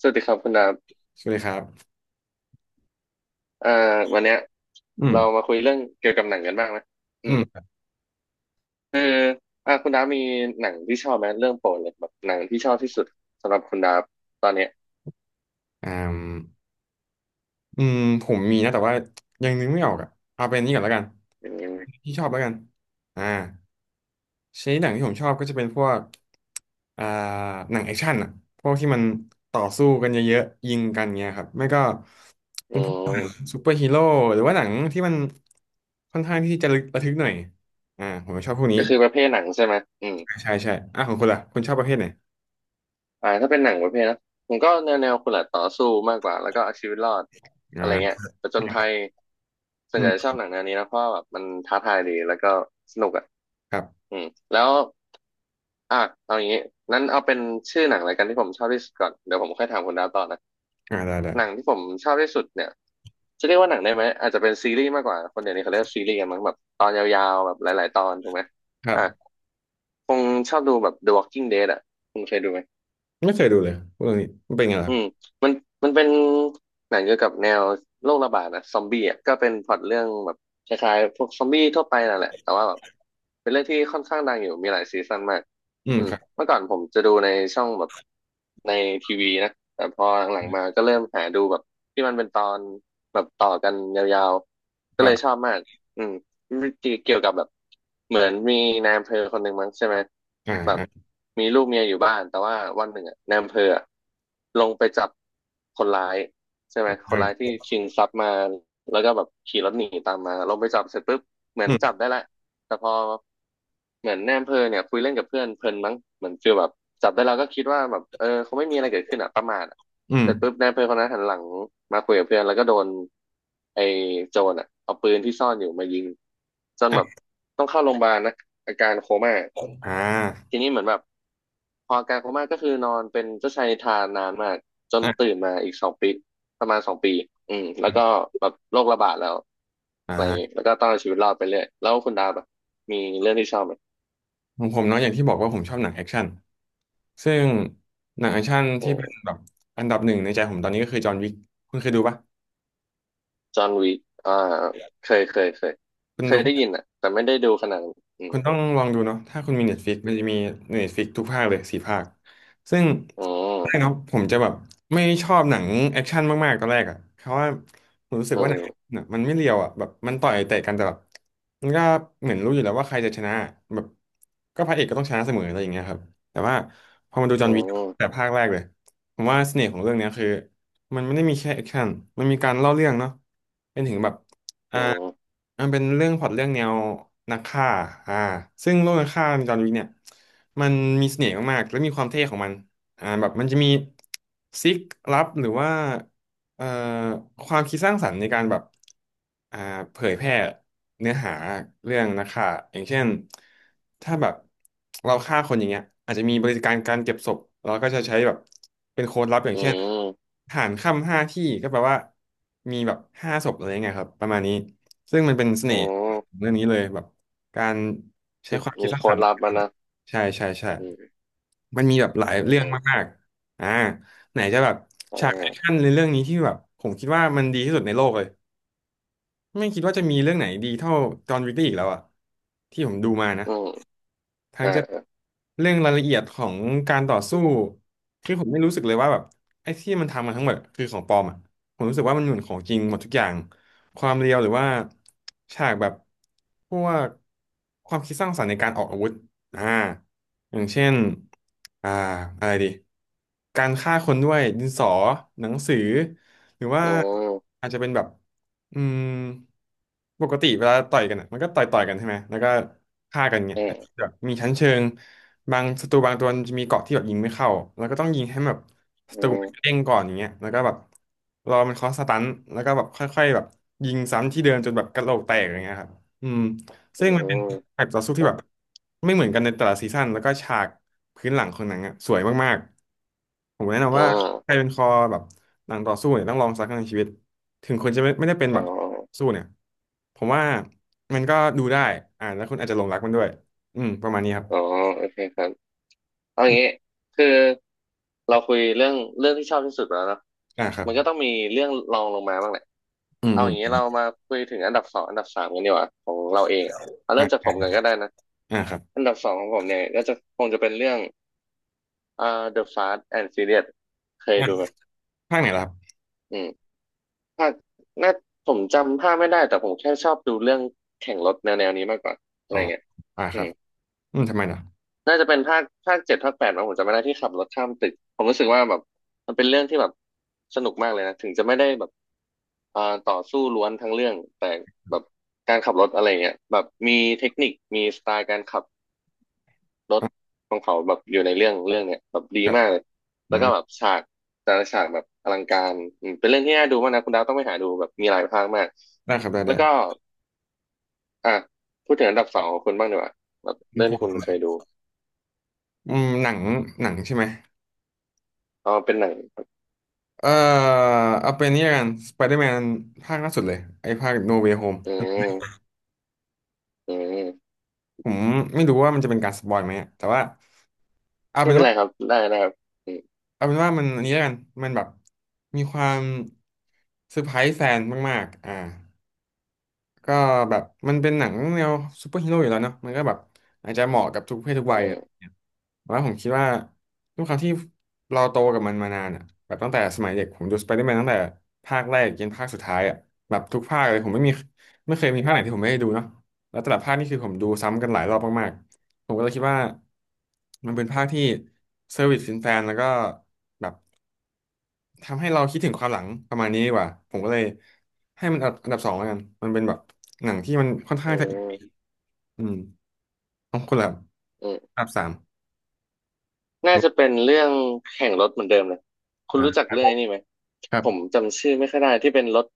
สวัสดีครับคุณดาบสวัสดีครับเอ่อวันเนี้ยอืมเรามาคุยเรื่องเกี่ยวกับหนังกันบ้างไหมอือืมมคือคุณดาบมีหนังที่ชอบไหมเรื่องโปรดเลยแบบหนังที่ชอบที่สุดสำหรับคุณดาบตอนเนี้ยอ่าอืมผมมีนะแต่ว่ายังนึกไม่ออกอ่ะเอาเป็นนี้ก่อนแล้วกันอืมที่ชอบแล้วกันอ่าชนิดหนังที่ผมชอบก็จะเป็นพวกอ่าหนังแอคชั่นอ่ะพวกที่มันต่อสู้กันเยอะๆยิงกันเงี้ยครับไม่ก็เป็อืนพวกมซูเปอร์ฮีโร่หรือว่าหนังที่มันค่อนข้างที่จะระทึกหน่อยผมชอบพวกนี้ก็คือประเภทหนังใช่ไหมอืมใช่ใช่อ่ะของคุณล่ะคุณชอบประเภทไหนถ้าเป็นหนังประเภทนะผมก็แนวคุณละต่อสู้มากกว่าแล้วก็เอาชีวิตรอดอ่อะไรเงี้ยาผจญภัยส่วอืนใหมญ่ชอบหนังแนวนี้นะเพราะว่าแบบมันท้าทายดีแล้วก็สนุกอ่ะครับอืมแล้ว อ่ะเอาอย่างนี้นั้นเอาเป็นชื่อหนังอะไรายกันที่ผมชอบที่สุดก่อนเดี๋ยวผมค่อยถามคุณดาวต่อนะอ่าได้ได้หนังที่ผมชอบที่สุดเนี่ยจะเรียกว่าหนังได้ไหมอาจจะเป็นซีรีส์มากกว่าคนเดี๋ยวนี้เขาเรียกซีรีส์กันมั้งแบบตอนยาวๆแบบหลายๆตอนถูกไหมครัอ่ะบคงชอบดูแบบ The Walking Dead อ่ะคุณเคยดูไหม ไม่เคยดูเลยพวกเรื่องนี้มันเป็นไงอืมล่ะ มันมันเป็นหนังเกี่ยวกับแนวโรคระบาดนะซอมบี้อ่ะก็เป็นพล็อตเรื่องแบบคล้ายๆพวกซอมบี้ทั่วไปนั่นแหละแต่ว่าแบบเป็นเรื่องที่ค่อนข้างดังอยู่มีหลายซีซั่นมากอืมอืมครับเมื่อก่อนผมจะดูในช่องแบบในทีวีนะแต่พอหลังๆมาก็เริ่มหาดูแบบที่มันเป็นตอนแบบต่อกันยาวๆก็ครัเลบยชอบมากอืม เกี่ยวกับแบบเหมือนมีนายอำเภอคนหนึ่งมั้งใช่ไหมอ่าแบบอ่ามีลูกเมียอยู่บ้านแต่ว่าวันหนึ่งอะนายอำเภออะลงไปจับคนร้ายใช่คไหมรับคเอนร้ายที่อชิงทรัพย์มาแล้วก็แบบขี่รถหนีตามมาลงไปจับเสร็จปุ๊บเหมืออืนมจับได้แหละแต่พอ เหมือนแนมเพอเนี่ยคุยเล่นกับเพื่อนเพลินมั้งเหมือนฟีลแบบจับได้เราก็คิดว่าแบบเออเขาไม่มีอะไรเกิดขึ้นอ่ะประมาทอะอืมเสร็จปุ๊บแนมำเภอคนนั้นหันหลังมาคุยกับเพื่อนแล้วก็โดนไอ้โจรอ่ะเอาปืนที่ซ่อนอยู่มายิงจนแบบอ่ะต้องเข้าโรงพยาบาลนะอาการโคม่าอ่าทีนี้เหมือนแบบพออาการโคม่าก็คือนอนเป็นเจ้าชายนิทรานนานมากจนอ่ะตื่นมาอีกสองปีประมาณสองปีอืมแล้วก็แบบโรคระบาดแล้วอ่อะไรอย่างงี้าแล้วก็ต้องเอาชีวิตรอดไปเรื่อยแล้วคุณดาบอะมีเรื่องที่ชอบไหม ของผมเนาะอย่างที่บอกว่าผมชอบหนังแอคชั่นซึ่งหนังแอคชั่นอืที่เป็นมแบบอันดับหนึ่งในใจผมตอนนี้ก็คือจอห์นวิกคุณเคยดูปะจอห์นวิกอ่าเคยคุณเคดู ยได้ยินอ่ะแต่ไม่ได้ดูขนาดนั้นอืคุมณต้องลองดูเนาะถ้าคุณมี Netflix มันจะมี Netflix ทุกภาคเลยสี่ภาคซึ่งอืมแรกเนาะผมจะแบบไม่ชอบหนังแอคชั่นมากๆตอนแรกอ่ะเพราะว่าผมรู้สึกอืว่าหนัมงน่ะมันไม่เรียวอ่ะแบบมันต่อยเตะกันแต่แบบมันก็เหมือนรู้อยู่แล้วว่าใครจะชนะแบบก็พระเอกก็ต้องชนะเสมออะไรอย่างเงี้ยครับแต่ว่าพอมาดูจออืห์นวิกมแต่ภาคแรกเลยผมว่าเสน่ห์ของเรื่องเนี้ยคือมันไม่ได้มีแค่แอคชั่นมันมีการเล่าเรื่องเนาะเป็นถึงแบบ อืมมันเป็นเรื่องพล็อตเรื่องแนวนักฆ่าอ่าซึ่งโลกนักฆ่าในจอห์นวิกเนี่ยมันมีเสน่ห์มากๆ และมีความเท่ของมันแบบมันจะมีซิกลับหรือว่าเอ่อความคิดสร้างสรรค์ในการแบบอ่าเผยแพร่เนื้อหาเรื่องนักฆ่าอย่างเช่น ถ้าแบบเราฆ่าคนอย่างเงี้ยอาจจะมีบริการการเก็บศพเราก็จะใช้แบบเป็นโค้ดลับอย่างอืเช่นมหารค่ำห้าที่ก็แปลว่ามีแบบห้าศพอะไรเงี้ยครับประมาณนี้ ซึ่งมันเป็นเสอืน่ห์มของเรื่องนี้เลยแบบการใช้ความคิดมีสร้างโค้สรดรค์ลับมานะใช่ใช่ใช่อืมมันมีแบบหลายอืมเรื่องอืมมากๆไหนจะแบบอ่ฉากแอคชั่านในเรื่องนี้ที่แบบผมคิดว่ามันดีที่สุดในโลกเลยไม่คิดว่าจะมีเรื่องไหนดีเท่าจอห์นวิกได้อีกแล้วอ่ะที่ผมดูมานะ อืมทั้งอ่าจะเรื่องรายละเอียดของการต่อสู้คือผมไม่รู้สึกเลยว่าแบบไอ้ที่มันทำมาทั้งหมดคือของปลอมอ่ะผมรู้สึกว่ามันเหมือนของจริงหมดทุกอย่างความเรียวหรือว่าฉากแบบพวกความคิดสร้างสรรค์ในการออกอาวุธอ่าอย่างเช่นอ่าอะไรดีการฆ่าคนด้วยดินสอหนังสือหรือว่าอืมอาจจะเป็นแบบอืมปกติเวลาต่อยกันอ่ะมันก็ต่อยกันใช่ไหมแล้วก็ฆ่ากันเงี้ย อืมแบบมีชั้นเชิงบางศัตรูบางตัวมันจะมีเกราะที่แบบยิงไม่เข้าแล้วก็ต้องยิงให้แบบศัตอืรูมมันเด้งก่อนอย่างเงี้ยแล้วก็แบบรอมันเคาะสตันแล้วก็แบบค่อยๆแบบยิงซ้ำที่เดิมจนแบบกระโหลกแตกอย่างเงี้ยครับอืมอืซึ่งมันเป็นมแบบต่อสู้คที่รัแบบบไม่เหมือนกันในแต่ละซีซั่นแล้วก็ฉากพื้นหลังของหนังอ่ะสวยมากๆผมแนะอ๋นำอว่าใครเป็นคอแบบหนังต่อสู้เนี่ยต้องลองสักครั้งในชีวิตถึงคุณจะไม่ได้เป็นอ๋แบอบสู้เนี่ยผมว่ามันก็ดูได้แล้วคุณอาจจะหลงรักมันด้วย อืมประมาณนี้ครับอ๋อโอเคครับ เอาอืมงี้คือเราคุยเรื่องที่ชอบที่สุดไปแล้วเนอะอ่าครับมันก็ต้องมีเรื่องรองลงมาบ้างแหละอืมเอาอือย่างนี้มเรามาคุยถึงอันดับสองอันดับสามกันดีกว่าของเราเองอะเอาอ่เริ่มจากาผมกันก็ได้นะอ่าครับอันดับสองของผมเนี่ยก็จะคงจะเป็นเรื่องอ่า The Fast and Furious เคยอ่าดูไหมภาคไหนล่ะครับอืมภาคน่าผมจำภาคไม่ได้แต่ผมแค่ชอบดูเรื่องแข่งรถแนวนี้มากกว่าอะอ๋ไรอเงี้ย อ่าครับอืมทำไมล่ะน่าจะเป็นภาคเจ็ดภาคแปดมั้งผมจำไม่ได้ที่ขับรถข้ามตึกผมรู้สึกว่าแบบมันเป็นเรื่องที่แบบสนุกมากเลยนะถึงจะไม่ได้แบบต่อสู้ล้วนทั้งเรื่องแต่แบบการขับรถอะไรเงี้ยแบบมีเทคนิคมีสไตล์การขับรถอ่าของเขาแบบอยู่ในเรื่องเนี้ยแบบดีครับมากเลยแล้อืวก็มแบบฉากแต่ละฉากแบบอลังการอืมเป็นเรื่องที่น่าดูมากนะคุณดาวต้องไปหาดูแบบมีหลายภาคมากได้ครับได้แล้ได้วก็อ่ะพูดถึงอันดับสองของคุณบ้างดีกว่าแบบผเรื่องมที่คุณเคยดูอืมหนังใช่ไหม อ๋อเป็นหนังเอ่อเอาเป็นนี่ละกันสไปเดอร์แมนภาคล่าสุดเลยไอ้ภาคโนเว y h โฮมอืม อืมผมไม่รู้ว่ามันจะเป็นการสปอยไหมอะแต่ว่าเอาไม่เป็นเป็นว่าไรครับได้ได้ครับอืมเอาเป็นว่ามันอันนี้ละกันมันแบบมีความเซอร์ไพรส์แฟนมากๆอ่า ก็แบบมันเป็นหนังแนวซูเปอร์ฮีโร่อยู่แล้วเนาะมันก็แบบอาจจะเหมาะกับทุกเพศทุกวัยอือะไร่มเงี้ยแต่ว่าผมคิดว่าด้วยความที่เราโตกับมันมานานแบบตั้งแต่สมัยเด็กผมดูสไปเดอร์แมนตั้งแต่ภาคแรกยันภาคสุดท้ายแบบทุกภาคเลยผมไม่เคยมีภาคไหนที่ผมไม่ได้ดูเนาะแล้วแต่ละภาคนี่คือผมดูซ้ำกันหลายรอบมากๆผมก็เลยคิดว่ามันเป็นภาคที่เซอร์วิสแฟนๆแล้วก็แบบ ทำให้เราคิดถึงความหลังประมาณนี้ดีกว่าผมก็เลยให้มันอันดับสองแล้วกันมันเป็นแบบหนังที่มันค่อนข้าอืงจะอีพีมอืมต้องคนละอืมอันดับสามน่าจะเป็นเรื่องแข่งรถเหมือนเดิมเลยคุณอ่ารู้จักคเรื่องรับไอ้นี้ไหมครับผมจำชื่อไม่ค่อยได้ที่เป็นรถ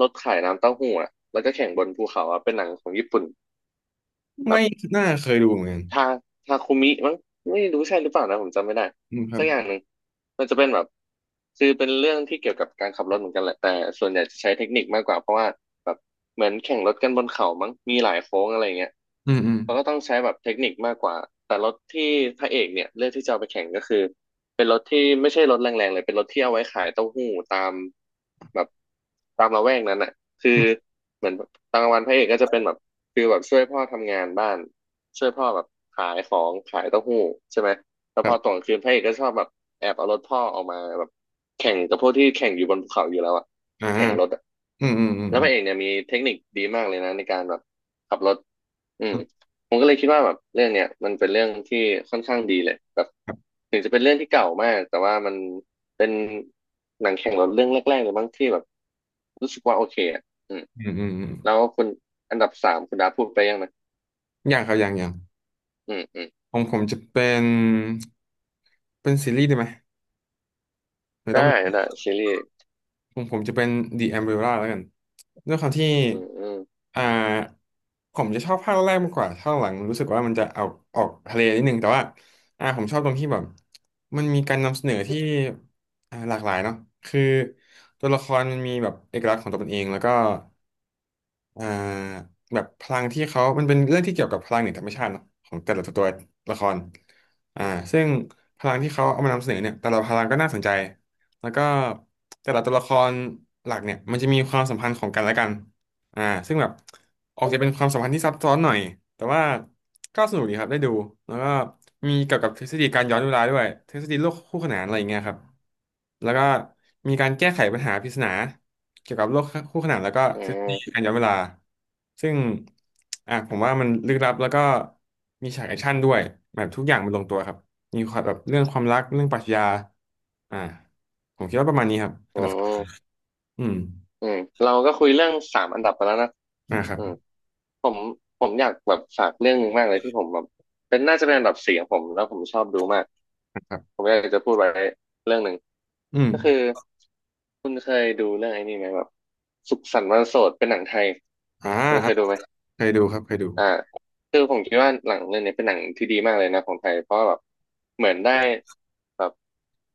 รถขายน้ำเต้าหู้อะแล้วก็แข่งบนภูเขาอะเป็นหนังของญี่ปุ่น ไม่น่าเคยดูเหมือนกันทาทาคุมิมั้งไม่รู้ใช่หรือเปล่านะผมจำไม่ได้อืมครัสับกอย่างหนึ่งมันจะเป็นแบบคือเป็นเรื่องที่เกี่ยวกับการขับรถเหมือนกันแหละแต่ส่วนใหญ่จะใช้เทคนิคมากกว่าเพราะว่าแบบเหมือนแข่งรถกันบนเขามั้งมีหลายโค้งอะไรเงี้ยอืมอืมเขาก็ต้องใช้แบบเทคนิคมากกว่าแต่รถที่พระเอกเนี่ยเลือกที่จะเอาไปแข่งก็คือเป็นรถที่ไม่ใช่รถแรงๆเลยเป็นรถที่เอาไว้ขายเต้าหู้ตามแบบตามละแวกนั้นอ่ะ คือือมเหมือนตอนกลางวันพระเอกก็จะเป็นแบบคือแบบช่วยพ่อทำงานบ้านช่วยพ่อแบบขายของขายเต้าหู้ใช่ไหมแล้วคพรัอตอบนกลางคืนพระเอกก็ชอบแบบแอบเอารถพ่อออกมาแบบแข่งกับพวกที่แข่งอยู่บนภูเขาอยู่แล้วอะอ่าแข่งรถอะอืมอืมอืมแล้วอืพมระเอกเนี่ยมีเทคนิคดีมากเลยนะในการแบบขับรถอืมอืมผมก็เลยคิดว่าแบบเรื่องเนี้ยมันเป็นเรื่องที่ค่อนข้างดีเลยแบบครับถึงจะเป็นเรื่องที่เก่ามากแต่ว่ามันเป็นหนังแข่งรถเรื่องแรกๆเลยบ้างที่แบบรู้สึกว่าโอเคอะ อืมอืมอืมอืมแล้วคุณอันดับสามคุณดาพูดไปยังนะอย่างครับอย่างอืมอืมของผมจะเป็นเป็นซีรีส์ได้ไหมหรือต้อง ได้ได้ซีรีส์ผมจะเป็น The Umbrella แล้วกันด้วยความที่อืมอืมอ่าผมจะชอบภาคแรกมากกว่าภาคหลังรู้สึกว่ามันจะเอาออกทะเลนิดนึง แต่ว่าผมชอบตรงที่แบบมันมีการนำเสนอที่หลากหลายเนาะคือตัวละครมันมีแบบเอกลักษณ์ของตัวมันเอง แล้วก็อ่าแบบพลังที่เขา มันเป็นเรื่องที่เกี่ยวกับพลังเหนือธรรมชาติเนอะของแต่ละตัวละครอ่าซึ่งพลังที่เขาเอามานำเสนอเนี่ย แต่ละพลังก็น่าสนใจ แล้วก็แต่ละตัวละครหลักเนี่ยมันจะมีความสัมพันธ์ของกันและกันอ่าซึ่งแบบออกจะเป็นความสัมพันธ์ที่ซับซ้อนหน่อยแต่ว่าก็สนุกดีครับได้ดูแล้วก็มีเกี่ยวกับทฤษฎีการย้อนเวลาด้วยทฤษฎีโลกคู่ขนานอะไรอย่างเงี้ยครับแล้วก็มีการแก้ไขปัญหาปริศนาเกี่ยวกับโลกคู่ขนานแล้วก็อืทฤษฎีมการย้อนเวลาซึ่งผมว่ามันลึกลับแล้วก็มีฉากแอคชั่นด้วยแบบทุกอย่างมันลงตัวครับ มีความแบบเรื่องความรักเรื่องปรัชญาอ่าผมคิดว่าประมาณนี้ครับอัอืนดับมอืมอืมเราก็คุยเรื่องสามอันดับไปแล้วนะอ่าครับอืมผมผมอยากแบบฝากเรื่องหนึงมากเลยที่ผมแบบเป็นน่าจะเป็นอันดับสี่ของผมแล้วผมชอบดูมากอ่าครัผบมอยากจะพูดไว้เรื่องหนึ่งอืมก็คือคุณเคยดูเรื่องไอ้นี่ไหมแบบสุขสันต์วันโสดเป็นหนังไทยอ่าคุณเคอ่ายดูไหม เคยดูครับเคยดูอ่าคือผมคิดว่าหนังเรื่องนี้เป็นหนังที่ดีมากเลยนะของไทยเพราะแบบเหมือนได้แบบ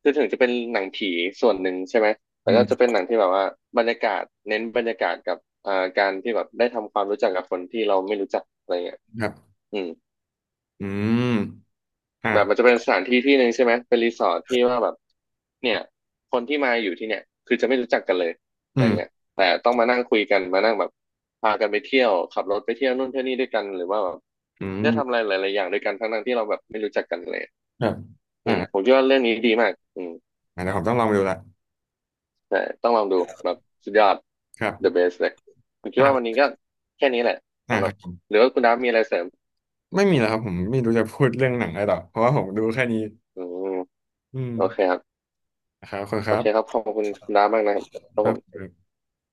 คือถึงจะเป็นหนังผีส่วนหนึ่งใช่ไหมแต่ก็อืจะเป็มนหนังที่แบบว่าบรรยากาศเน้นบรรยากาศกับการที่แบบได้ทำความรู้จักกับคนที่เราไม่รู้จักอะไรเงี้ยครับอืม อืมอ่าแบบมันจะเป็นสถานที่ที่หนึ่งใช่ไหมเป็นรีสอร์ทที่ว่าแบบเนี่ยคนที่มาอยู่ที่เนี่ยคือจะไม่รู้จักกันเลยอะอืไรเงี้ยมแต่ต้องมานั่งคุยกันมานั่งแบบพากันไปเที่ยวขับรถไปเที่ยวนู่นเที่ยวนี่ด้วยกันหรือว่าแบบอืได้ทำอะมไรหลายๆอย่างด้วยกันทั้งๆที่เราแบบไม่รู้จักกันเลยครับอืมผอ่ามคิดว่าเรื่องนี้ดีมากอืมอ่าเดี๋ยวผมต้องลองไปดูละแต่ต้องลองดูแบบสุดยอด ครั the บ best เลยผมคิดว่าวันนี้อ่าก็แค่นี้แหละอ่าสำหครับรับผมหรือว่าคุณดาฟมีอะไรเสริมไม่มีแล้วครับผมไม่รู้จะพูดเรื่องหนังอะไรต่อเพราะว่าผมดูแค่นี้อืมอืมโอเคครับนะครับขอบคุณคโอรัเคครับบขอบคุณคุณดาฟมากนะครับครับคผรัมบ